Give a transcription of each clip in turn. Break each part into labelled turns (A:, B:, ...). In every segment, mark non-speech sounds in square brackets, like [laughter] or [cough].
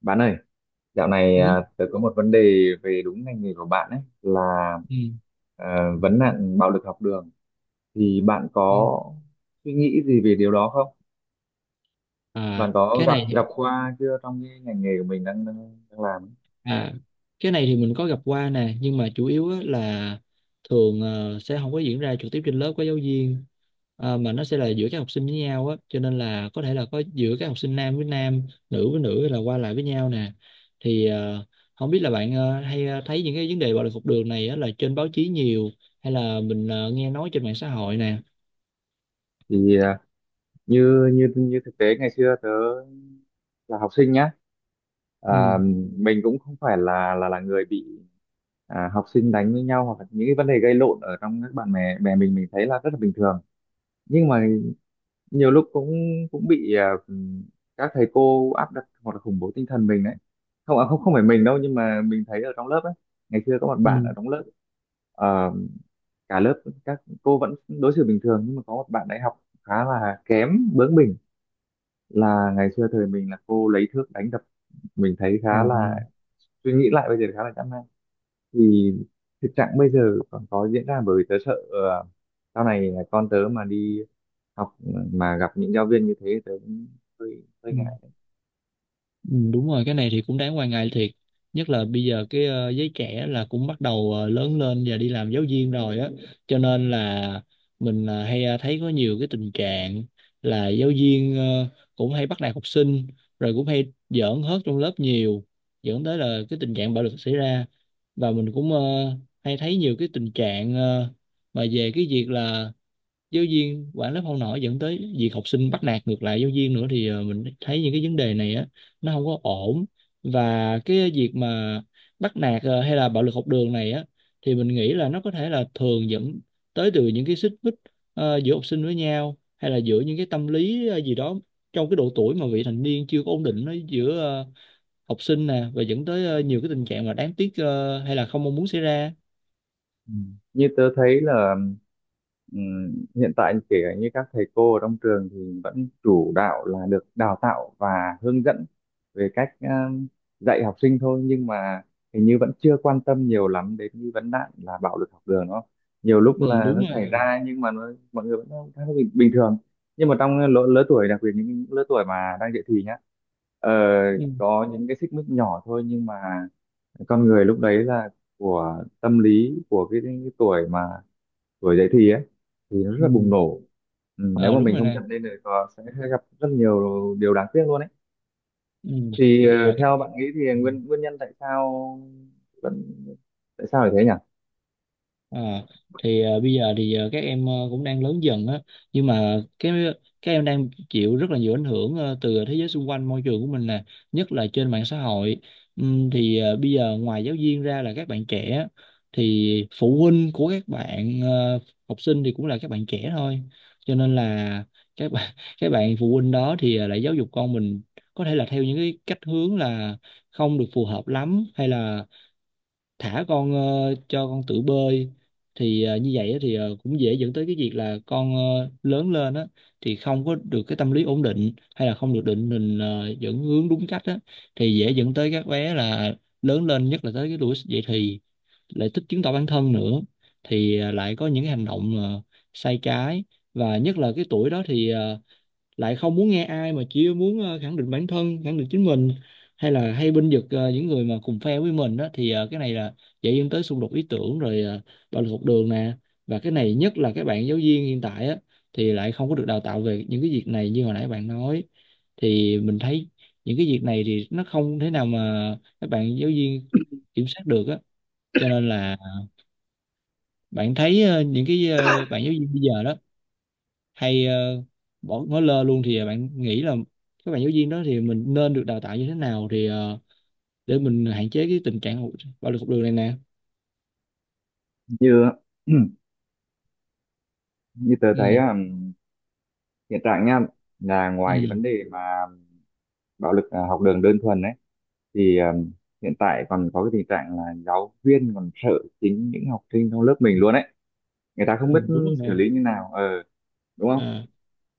A: Bạn ơi, dạo này
B: Ừ.
A: tớ có một vấn đề về đúng ngành nghề của bạn, ấy là
B: Ừ.
A: vấn nạn bạo lực học đường. Thì bạn
B: Ừ.
A: có suy nghĩ gì về điều đó không? Bạn
B: à
A: có
B: cái
A: gặp
B: này thì-
A: gặp qua chưa trong cái ngành nghề của mình đang đang, đang làm?
B: à cái này thì mình có gặp qua nè, nhưng mà chủ yếu á là thường sẽ không có diễn ra trực tiếp trên lớp của giáo viên. Mà nó sẽ là giữa các học sinh với nhau á, cho nên là có thể là có giữa các học sinh nam với nam, nữ với nữ, hay là qua lại với nhau nè. Thì không biết là bạn hay thấy những cái vấn đề bạo lực học đường này á là trên báo chí nhiều, hay là mình nghe nói trên mạng xã hội nè.
A: Thì như như như thực tế ngày xưa tớ là học sinh nhá,
B: Ừ.
A: à, mình cũng không phải là là người bị học sinh đánh với nhau, hoặc là những cái vấn đề gây lộn ở trong các bạn bè. Mình thấy là rất là bình thường. Nhưng mà nhiều lúc cũng cũng bị các thầy cô áp đặt hoặc là khủng bố tinh thần mình đấy. Không không không phải mình đâu, nhưng mà mình thấy ở trong lớp ấy ngày xưa có một
B: Ừ.
A: bạn ở trong lớp. ờ, Cả lớp các cô vẫn đối xử bình thường, nhưng mà có một bạn đại học khá là kém, bướng bỉnh, là ngày xưa thời mình là cô lấy thước đánh đập. Mình thấy
B: Ờ.
A: khá là, suy nghĩ lại bây giờ khá là chán nản. Thì thực trạng bây giờ còn có diễn ra, bởi vì tớ sợ sau này con tớ mà đi học mà gặp những giáo viên như thế tớ cũng hơi hơi
B: Ừ.
A: ngại.
B: Ừ, đúng rồi, cái này thì cũng đáng quan ngại thiệt, nhất là bây giờ cái giới trẻ là cũng bắt đầu lớn lên và đi làm giáo viên rồi á, cho nên là mình hay thấy có nhiều cái tình trạng là giáo viên cũng hay bắt nạt học sinh, rồi cũng hay giỡn hớt trong lớp nhiều, dẫn tới là cái tình trạng bạo lực xảy ra. Và mình cũng hay thấy nhiều cái tình trạng mà về cái việc là giáo viên quản lớp không nổi, dẫn tới việc học sinh bắt nạt ngược lại giáo viên nữa. Thì mình thấy những cái vấn đề này á, nó không có ổn. Và cái việc mà bắt nạt hay là bạo lực học đường này á, thì mình nghĩ là nó có thể là thường dẫn tới từ những cái xích mích giữa học sinh với nhau, hay là giữa những cái tâm lý gì đó trong cái độ tuổi mà vị thành niên chưa có ổn định nó, giữa học sinh nè, và dẫn tới nhiều cái tình trạng mà đáng tiếc hay là không mong muốn xảy ra.
A: Ừ. Như tớ thấy là, ừ, hiện tại kể cả như các thầy cô ở trong trường thì vẫn chủ đạo là được đào tạo và hướng dẫn về cách dạy học sinh thôi, nhưng mà hình như vẫn chưa quan tâm nhiều lắm đến cái vấn nạn là bạo lực học đường. Nó nhiều lúc
B: Ừ,
A: là nó
B: đúng
A: xảy
B: rồi.
A: ra nhưng mà nó, mọi người vẫn khá là bình thường. Nhưng mà trong lứa tuổi đặc biệt những lứa tuổi mà đang dậy thì nhá, ờ,
B: Ừ.
A: có những cái xích mích nhỏ thôi nhưng mà con người lúc đấy là của tâm lý của cái tuổi mà tuổi dậy thì ấy thì nó rất là bùng
B: Ừ.
A: nổ. Ừ, nếu
B: Ờ,
A: mà
B: đúng
A: mình
B: rồi
A: không
B: nè.
A: chặn lên thì có sẽ gặp rất nhiều điều đáng tiếc luôn ấy.
B: Ừ.
A: Thì
B: thì à,
A: theo bạn nghĩ thì
B: Ừ.
A: nguyên nguyên nhân tại sao vẫn, tại sao lại thế nhỉ?
B: À, thì bây giờ thì các em cũng đang lớn dần á, nhưng mà cái các em đang chịu rất là nhiều ảnh hưởng từ thế giới xung quanh, môi trường của mình nè, nhất là trên mạng xã hội. Thì bây giờ ngoài giáo viên ra là các bạn trẻ á, thì phụ huynh của các bạn học sinh thì cũng là các bạn trẻ thôi, cho nên là các bạn [laughs] các bạn phụ huynh đó thì lại giáo dục con mình có thể là theo những cái cách hướng là không được phù hợp lắm, hay là thả con cho con tự bơi. Thì như vậy á thì cũng dễ dẫn tới cái việc là con lớn lên á thì không có được cái tâm lý ổn định, hay là không được định hình dẫn hướng đúng cách á, thì dễ dẫn tới các bé là lớn lên, nhất là tới cái tuổi dậy thì, lại thích chứng tỏ bản thân nữa, thì lại có những cái hành động sai trái. Và nhất là cái tuổi đó thì lại không muốn nghe ai, mà chỉ muốn khẳng định bản thân, khẳng định chính mình, hay là hay binh vực những người mà cùng phe với mình đó, thì cái này là dạy dẫn tới xung đột ý tưởng rồi bạo lực học đường nè. Và cái này nhất là các bạn giáo viên hiện tại á, thì lại không có được đào tạo về những cái việc này như hồi nãy bạn nói, thì mình thấy những cái việc này thì nó không thể nào mà các bạn giáo viên kiểm soát được á. Cho nên là bạn thấy những cái bạn giáo viên bây giờ đó hay bỏ ngó lơ luôn. Thì bạn nghĩ là các bạn giáo viên đó thì mình nên được đào tạo như thế nào, thì để mình hạn chế cái tình trạng bạo lực học đường này nè.
A: Như [clears throat] như tớ thấy
B: Ừ.
A: hiện tại nha, là ngoài cái
B: Ừ.
A: vấn đề mà bạo lực học đường đơn thuần ấy thì hiện tại còn có cái tình trạng là giáo viên còn sợ chính những học sinh trong lớp mình luôn ấy. Người ta
B: Ừ,
A: không biết
B: đúng rồi
A: xử
B: nè.
A: lý như nào đúng không?
B: À.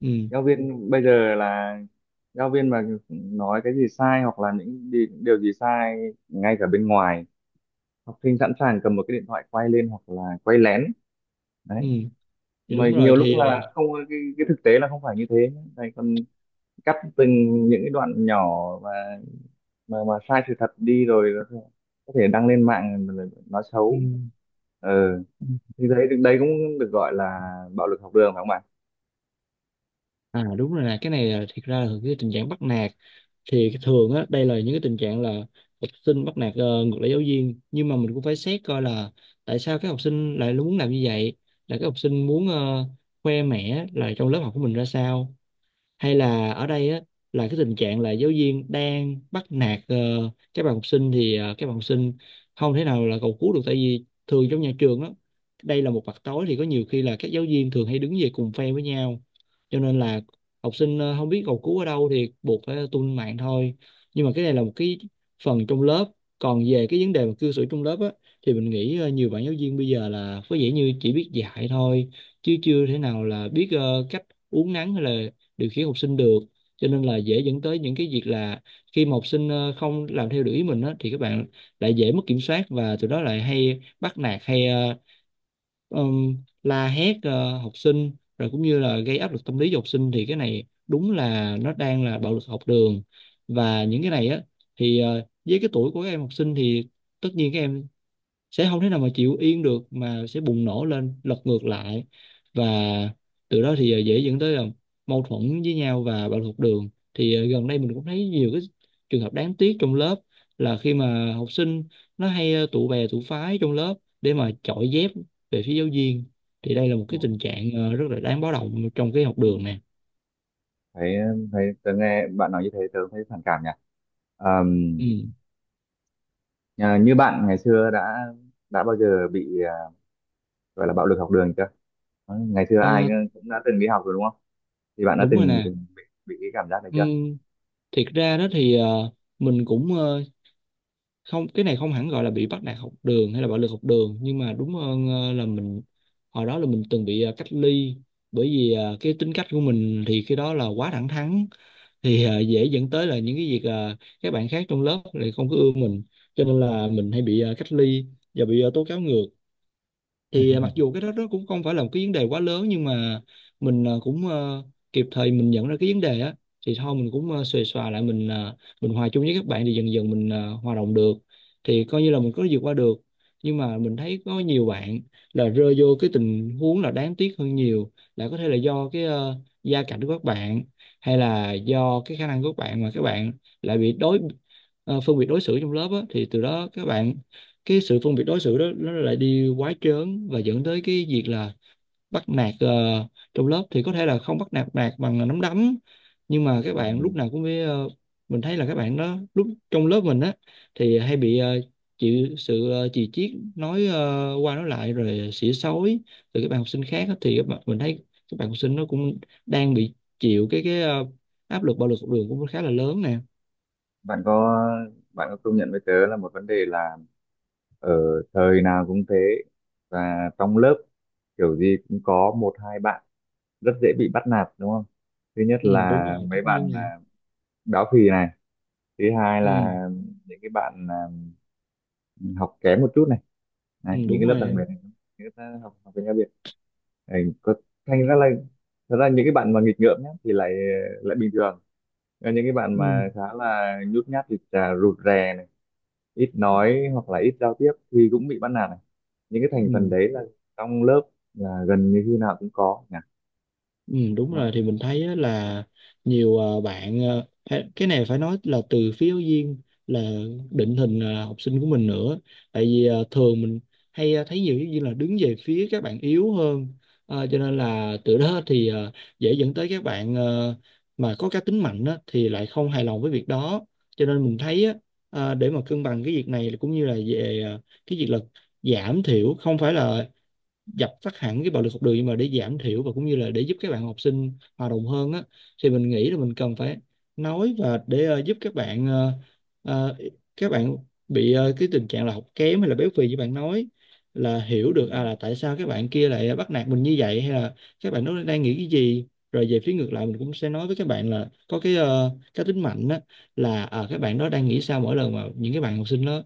B: Ừ.
A: Giáo viên bây giờ là giáo viên mà nói cái gì sai hoặc là điều gì sai ngay cả bên ngoài, học sinh sẵn sàng cầm một cái điện thoại quay lên hoặc là quay lén đấy.
B: Ừ, thì
A: Mà
B: đúng rồi.
A: nhiều lúc
B: Thì
A: là không, cái thực tế là không phải như thế. Thầy còn cắt từng những cái đoạn nhỏ và mà sai sự thật đi rồi có thể đăng lên mạng rồi nói xấu. ờ
B: ừ.
A: thì đấy đấy cũng được gọi là bạo lực học đường phải không bạn?
B: À, đúng rồi nè, cái này là thiệt ra là cái tình trạng bắt nạt, thì cái thường á đây là những cái tình trạng là học sinh bắt nạt ngược lại giáo viên. Nhưng mà mình cũng phải xét coi là tại sao cái học sinh lại muốn làm như vậy, là cái học sinh muốn khoe mẽ là trong lớp học của mình ra sao, hay là ở đây á là cái tình trạng là giáo viên đang bắt nạt các bạn học sinh, thì các bạn học sinh không thể nào là cầu cứu được, tại vì thường trong nhà trường á, đây là một mặt tối, thì có nhiều khi là các giáo viên thường hay đứng về cùng phe với nhau, cho nên là học sinh không biết cầu cứu ở đâu thì buộc phải tung mạng thôi. Nhưng mà cái này là một cái phần trong lớp. Còn về cái vấn đề mà cư xử trong lớp á, thì mình nghĩ nhiều bạn giáo viên bây giờ là có vẻ như chỉ biết dạy thôi, chứ chưa thể nào là biết cách uốn nắn hay là điều khiển học sinh được, cho nên là dễ dẫn tới những cái việc là khi mà học sinh không làm theo điều ý mình á, thì các bạn lại dễ mất kiểm soát, và từ đó lại hay bắt nạt hay um, la hét học sinh, rồi cũng như là gây áp lực tâm lý cho học sinh, thì cái này đúng là nó đang là bạo lực học đường. Và những cái này á, thì với cái tuổi của các em học sinh thì tất nhiên các em sẽ không thể nào mà chịu yên được, mà sẽ bùng nổ lên lật ngược lại, và từ đó thì dễ dẫn tới mâu thuẫn với nhau và bạo lực học đường. Thì gần đây mình cũng thấy nhiều cái trường hợp đáng tiếc trong lớp, là khi mà học sinh nó hay tụ bè tụ phái trong lớp để mà chọi dép về phía giáo viên, thì đây là một cái tình trạng rất là đáng báo động trong cái học
A: Ừ.
B: đường nè.
A: Thấy, thấy tớ nghe bạn nói như thế tớ thấy phản cảm nhỉ. Ờm,
B: Ừ.
A: như bạn ngày xưa đã bao giờ bị gọi là bạo lực học đường chưa? Ngày xưa ai
B: Ờ,
A: cũng đã từng đi học rồi đúng không? Thì bạn đã
B: đúng rồi
A: từng
B: nè.
A: từng bị cái cảm giác này
B: Ừ.
A: chưa?
B: Thiệt ra đó thì mình cũng không, cái này không hẳn gọi là bị bắt nạt học đường hay là bạo lực học đường, nhưng mà đúng hơn là mình hồi đó là mình từng bị cách ly, bởi vì cái tính cách của mình thì khi đó là quá thẳng thắn, thì dễ dẫn tới là những cái việc các bạn khác trong lớp lại không có ưa mình, cho nên là mình hay bị cách ly và bị tố cáo ngược. Thì mặc dù cái đó nó cũng không phải là một cái vấn đề quá lớn, nhưng mà mình cũng kịp thời mình nhận ra cái vấn đề á, thì thôi mình cũng xuề xòa lại, mình mình hòa chung với các bạn, thì dần dần mình hòa đồng được, thì coi như là mình có vượt qua được. Nhưng mà mình thấy có nhiều bạn là rơi vô cái tình huống là đáng tiếc hơn nhiều, là có thể là do cái gia cảnh của các bạn, hay là do cái khả năng của các bạn mà các bạn lại bị phân biệt đối xử trong lớp á, thì từ đó các bạn, cái sự phân biệt đối xử đó nó lại đi quá trớn và dẫn tới cái việc là bắt nạt trong lớp, thì có thể là không bắt nạt nạt bằng nắm đấm, nhưng mà các bạn lúc
A: Ừm,
B: nào cũng phải mình thấy là các bạn đó lúc trong lớp mình á, thì hay bị chịu sự chì chiết, nói qua nói lại rồi xỉa xói từ các bạn học sinh khác á, thì các bạn, mình thấy các bạn học sinh nó cũng đang bị chịu cái áp lực bạo lực học đường cũng khá là lớn nè.
A: bạn có, bạn có công nhận với tớ là một vấn đề là ở thời nào cũng thế, và trong lớp kiểu gì cũng có một hai bạn rất dễ bị bắt nạt đúng không? Thứ nhất
B: Ừ, đúng
A: là
B: rồi, tất
A: mấy
B: nhiên
A: bạn
B: nè.
A: béo phì này, thứ hai
B: Ừ.
A: là những cái bạn học kém một chút này. Đấy,
B: Ừ,
A: những
B: đúng
A: cái lớp
B: rồi
A: đặc
B: nè.
A: biệt này, những cái học học về tiếng Việt. Đấy, có, thành ra là thật ra những cái bạn mà nghịch ngợm nhá thì lại lại bình thường, còn những cái bạn
B: Ừ.
A: mà khá là nhút nhát thì là rụt rè này, ít nói hoặc là ít giao tiếp thì cũng bị bắt nạt này. Những cái thành phần
B: Ừ.
A: đấy là trong lớp là gần như khi nào cũng có nhỉ,
B: Ừ, đúng
A: đúng
B: rồi
A: không?
B: thì mình thấy á, là nhiều bạn cái này phải nói là từ phía giáo viên là định hình học sinh của mình nữa. Tại vì thường mình hay thấy nhiều giáo viên là đứng về phía các bạn yếu hơn. Cho nên là từ đó [laughs] thì dễ dẫn tới các bạn mà có cá tính mạnh á, thì lại không hài lòng với việc đó. Cho nên mình thấy á, để mà cân bằng cái việc này cũng như là về cái việc là giảm thiểu, không phải là dập tắt hẳn cái bạo lực học đường, nhưng mà để giảm thiểu và cũng như là để giúp các bạn học sinh hòa đồng hơn á, thì mình nghĩ là mình cần phải nói và để giúp các ờ, các bạn bị cái tình trạng là học kém hay là béo phì như bạn nói là hiểu
A: Ừ.
B: được à là tại sao các bạn kia lại bắt nạt mình như vậy, hay là các bạn nó đang nghĩ cái gì. Rồi về phía ngược lại mình cũng sẽ nói với các bạn là có cái cá tính mạnh á, là à, các bạn đó đang nghĩ sao mỗi lần mà những cái bạn học sinh đó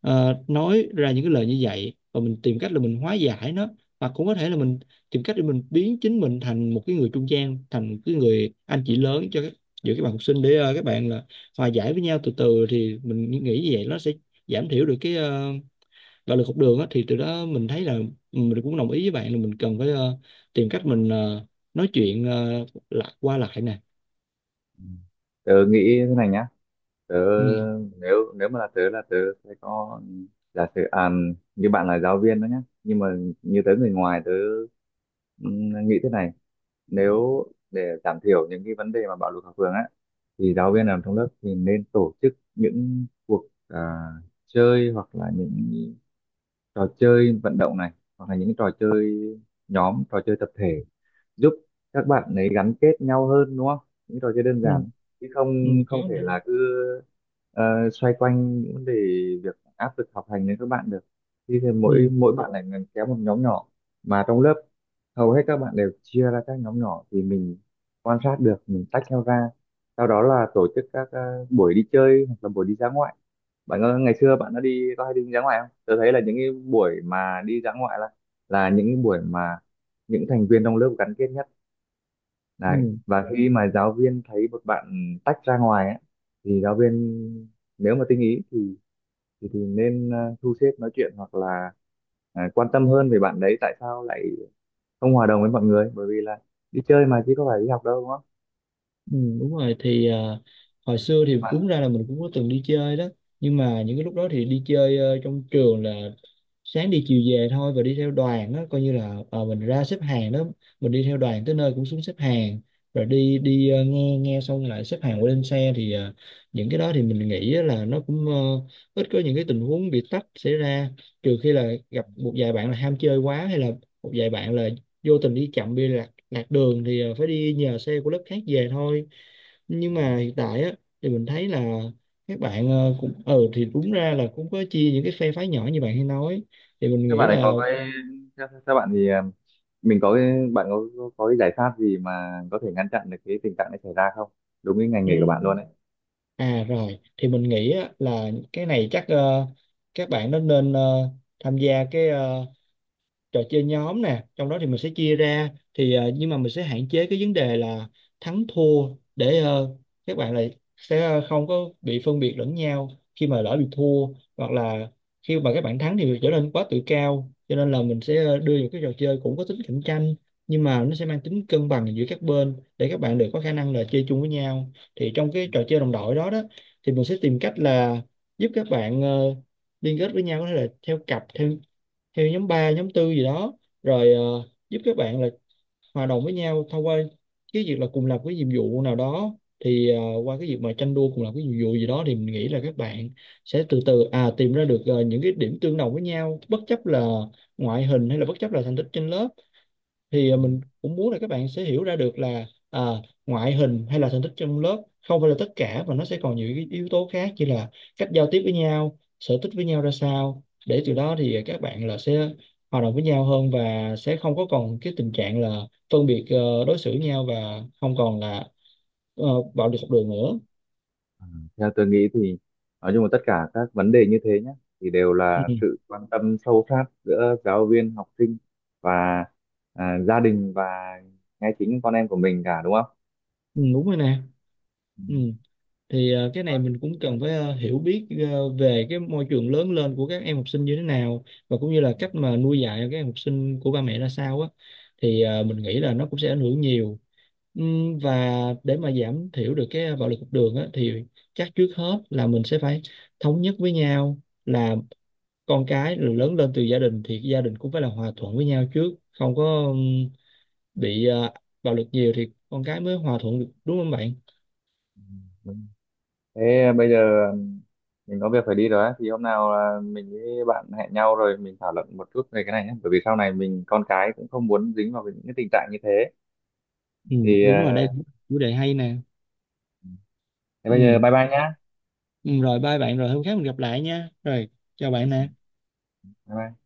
B: nói ra những cái lời như vậy, và mình tìm cách là mình hóa giải nó, hoặc cũng có thể là mình tìm cách để mình biến chính mình thành một cái người trung gian, thành một cái người anh chị lớn cho các giữa các bạn học sinh, để các bạn là hòa giải với nhau từ từ. Thì mình nghĩ như vậy nó sẽ giảm thiểu được cái bạo lực học đường á, thì từ đó mình thấy là mình cũng đồng ý với bạn là mình cần phải tìm cách mình nói chuyện lại qua lại nè.
A: Tớ nghĩ thế này nhá, tớ,
B: Ừ.
A: nếu nếu mà là tớ, là tớ sẽ có, giả sử như bạn là giáo viên đó nhá, nhưng mà như tớ người ngoài tớ nghĩ thế này. Nếu để giảm thiểu những cái vấn đề mà bạo lực học đường á thì giáo viên làm trong lớp thì nên tổ chức những cuộc chơi hoặc là những trò chơi vận động này, hoặc là những trò chơi nhóm, trò chơi tập thể, giúp các bạn ấy gắn kết nhau hơn đúng không? Những trò chơi đơn
B: Ừ,
A: giản, chứ không,
B: ừ, có
A: không thể
B: nè.
A: là cứ ờ, xoay quanh những vấn đề việc áp lực học hành đến các bạn được. Thì mỗi
B: Ừ,
A: mỗi bạn lại kéo một nhóm nhỏ, mà trong lớp hầu hết các bạn đều chia ra các nhóm nhỏ thì mình quan sát được mình tách nhau ra. Sau đó là tổ chức các buổi đi chơi hoặc là buổi đi dã ngoại. Bạn có ngày xưa bạn đã đi, có hay đi dã ngoại không? Tôi thấy là những cái buổi mà đi dã ngoại là những cái buổi mà những thành viên trong lớp gắn kết nhất đấy.
B: ừ.
A: Và khi mà giáo viên thấy một bạn tách ra ngoài ấy, thì giáo viên nếu mà tinh ý thì nên thu xếp nói chuyện hoặc là quan tâm hơn về bạn đấy tại sao lại không hòa đồng với mọi người, bởi vì là đi chơi mà chứ có phải đi học đâu đúng không
B: Ừ, đúng rồi thì à, hồi xưa thì
A: bạn?
B: đúng ra là mình cũng có từng đi chơi đó, nhưng mà những cái lúc đó thì đi chơi trong trường là sáng đi chiều về thôi, và đi theo đoàn đó coi như là mình ra xếp hàng đó, mình đi theo đoàn tới nơi cũng xuống xếp hàng, rồi đi đi ờ, nghe nghe xong lại xếp hàng qua lên xe. Thì những cái đó thì mình nghĩ á là nó cũng ít có những cái tình huống bị tách xảy ra, trừ khi là gặp một vài bạn là ham chơi quá, hay là một vài bạn là vô tình đi chậm, đi lạc đường thì phải đi nhờ xe của lớp khác về thôi. Nhưng mà hiện tại á thì mình thấy là các bạn cũng ừ thì đúng ra là cũng có chia những cái phe phái nhỏ như bạn hay nói, thì mình
A: Các
B: nghĩ
A: bạn ấy
B: là
A: có cái, theo bạn thì mình có cái, bạn có, có cái giải pháp gì mà có thể ngăn chặn được cái tình trạng này xảy ra không? Đúng cái ngành nghề của bạn
B: ừm,
A: luôn ấy.
B: à rồi thì mình nghĩ á, là cái này chắc các bạn nó nên tham gia cái trò chơi nhóm nè. Trong đó thì mình sẽ chia ra thì nhưng mà mình sẽ hạn chế cái vấn đề là thắng thua, để các bạn lại sẽ không có bị phân biệt lẫn nhau khi mà lỡ bị thua, hoặc là khi mà các bạn thắng thì trở nên quá tự cao. Cho nên là mình sẽ đưa những cái trò chơi cũng có tính cạnh tranh, nhưng mà nó sẽ mang tính cân bằng giữa các bên, để các bạn đều có khả năng là chơi chung với nhau. Thì trong cái trò chơi đồng đội đó đó, thì mình sẽ tìm cách là giúp các bạn liên kết với nhau, có thể là theo cặp, theo theo nhóm 3 nhóm tư gì đó, rồi giúp các bạn là hòa đồng với nhau thông qua cái việc là cùng làm cái nhiệm vụ nào đó. Thì qua cái việc mà tranh đua cùng làm cái nhiệm vụ gì đó, thì mình nghĩ là các bạn sẽ từ từ à tìm ra được những cái điểm tương đồng với nhau, bất chấp là ngoại hình, hay là bất chấp là thành tích trên lớp. Thì à,
A: Ừ.
B: mình cũng muốn là các bạn sẽ hiểu ra được là à, ngoại hình hay là thành tích trong lớp không phải là tất cả, và nó sẽ còn nhiều cái yếu tố khác như là cách giao tiếp với nhau, sở thích với nhau ra sao, để từ đó thì à, các bạn là sẽ hòa đồng với nhau hơn, và sẽ không có còn cái tình trạng là phân biệt đối xử nhau, và không còn là ờ, bạo lực học đường nữa.
A: Theo tôi nghĩ thì nói chung là tất cả các vấn đề như thế nhé, thì đều
B: Ừ.
A: là sự quan tâm sâu sát giữa giáo viên, học sinh và gia đình và ngay chính con em của mình cả đúng không?
B: Ừ, đúng rồi nè.
A: Ừ,
B: Ừ. Thì cái này mình cũng cần phải hiểu biết về cái môi trường lớn lên của các em học sinh như thế nào, và cũng như là cách mà nuôi dạy các em học sinh của ba mẹ ra sao á, thì mình nghĩ là nó cũng sẽ ảnh hưởng nhiều. Và để mà giảm thiểu được cái bạo lực học đường á, thì chắc trước hết là mình sẽ phải thống nhất với nhau là con cái rồi lớn lên từ gia đình, thì gia đình cũng phải là hòa thuận với nhau trước, không có bị bạo lực nhiều thì con cái mới hòa thuận được, đúng không bạn?
A: đúng. Thế bây giờ mình có việc phải đi rồi á, thì hôm nào mình với bạn hẹn nhau rồi mình thảo luận một chút về cái này nhé, bởi vì sau này mình con cái cũng không muốn dính vào những cái tình trạng như thế.
B: Ừ,
A: Thì
B: đúng
A: à,
B: rồi đây là một chủ đề hay nè.
A: thế bây giờ
B: Ừ.
A: bye bye nhá.
B: Ừ, rồi bye bạn, rồi hôm khác mình gặp lại nha, rồi chào bạn nè.
A: Bye bye.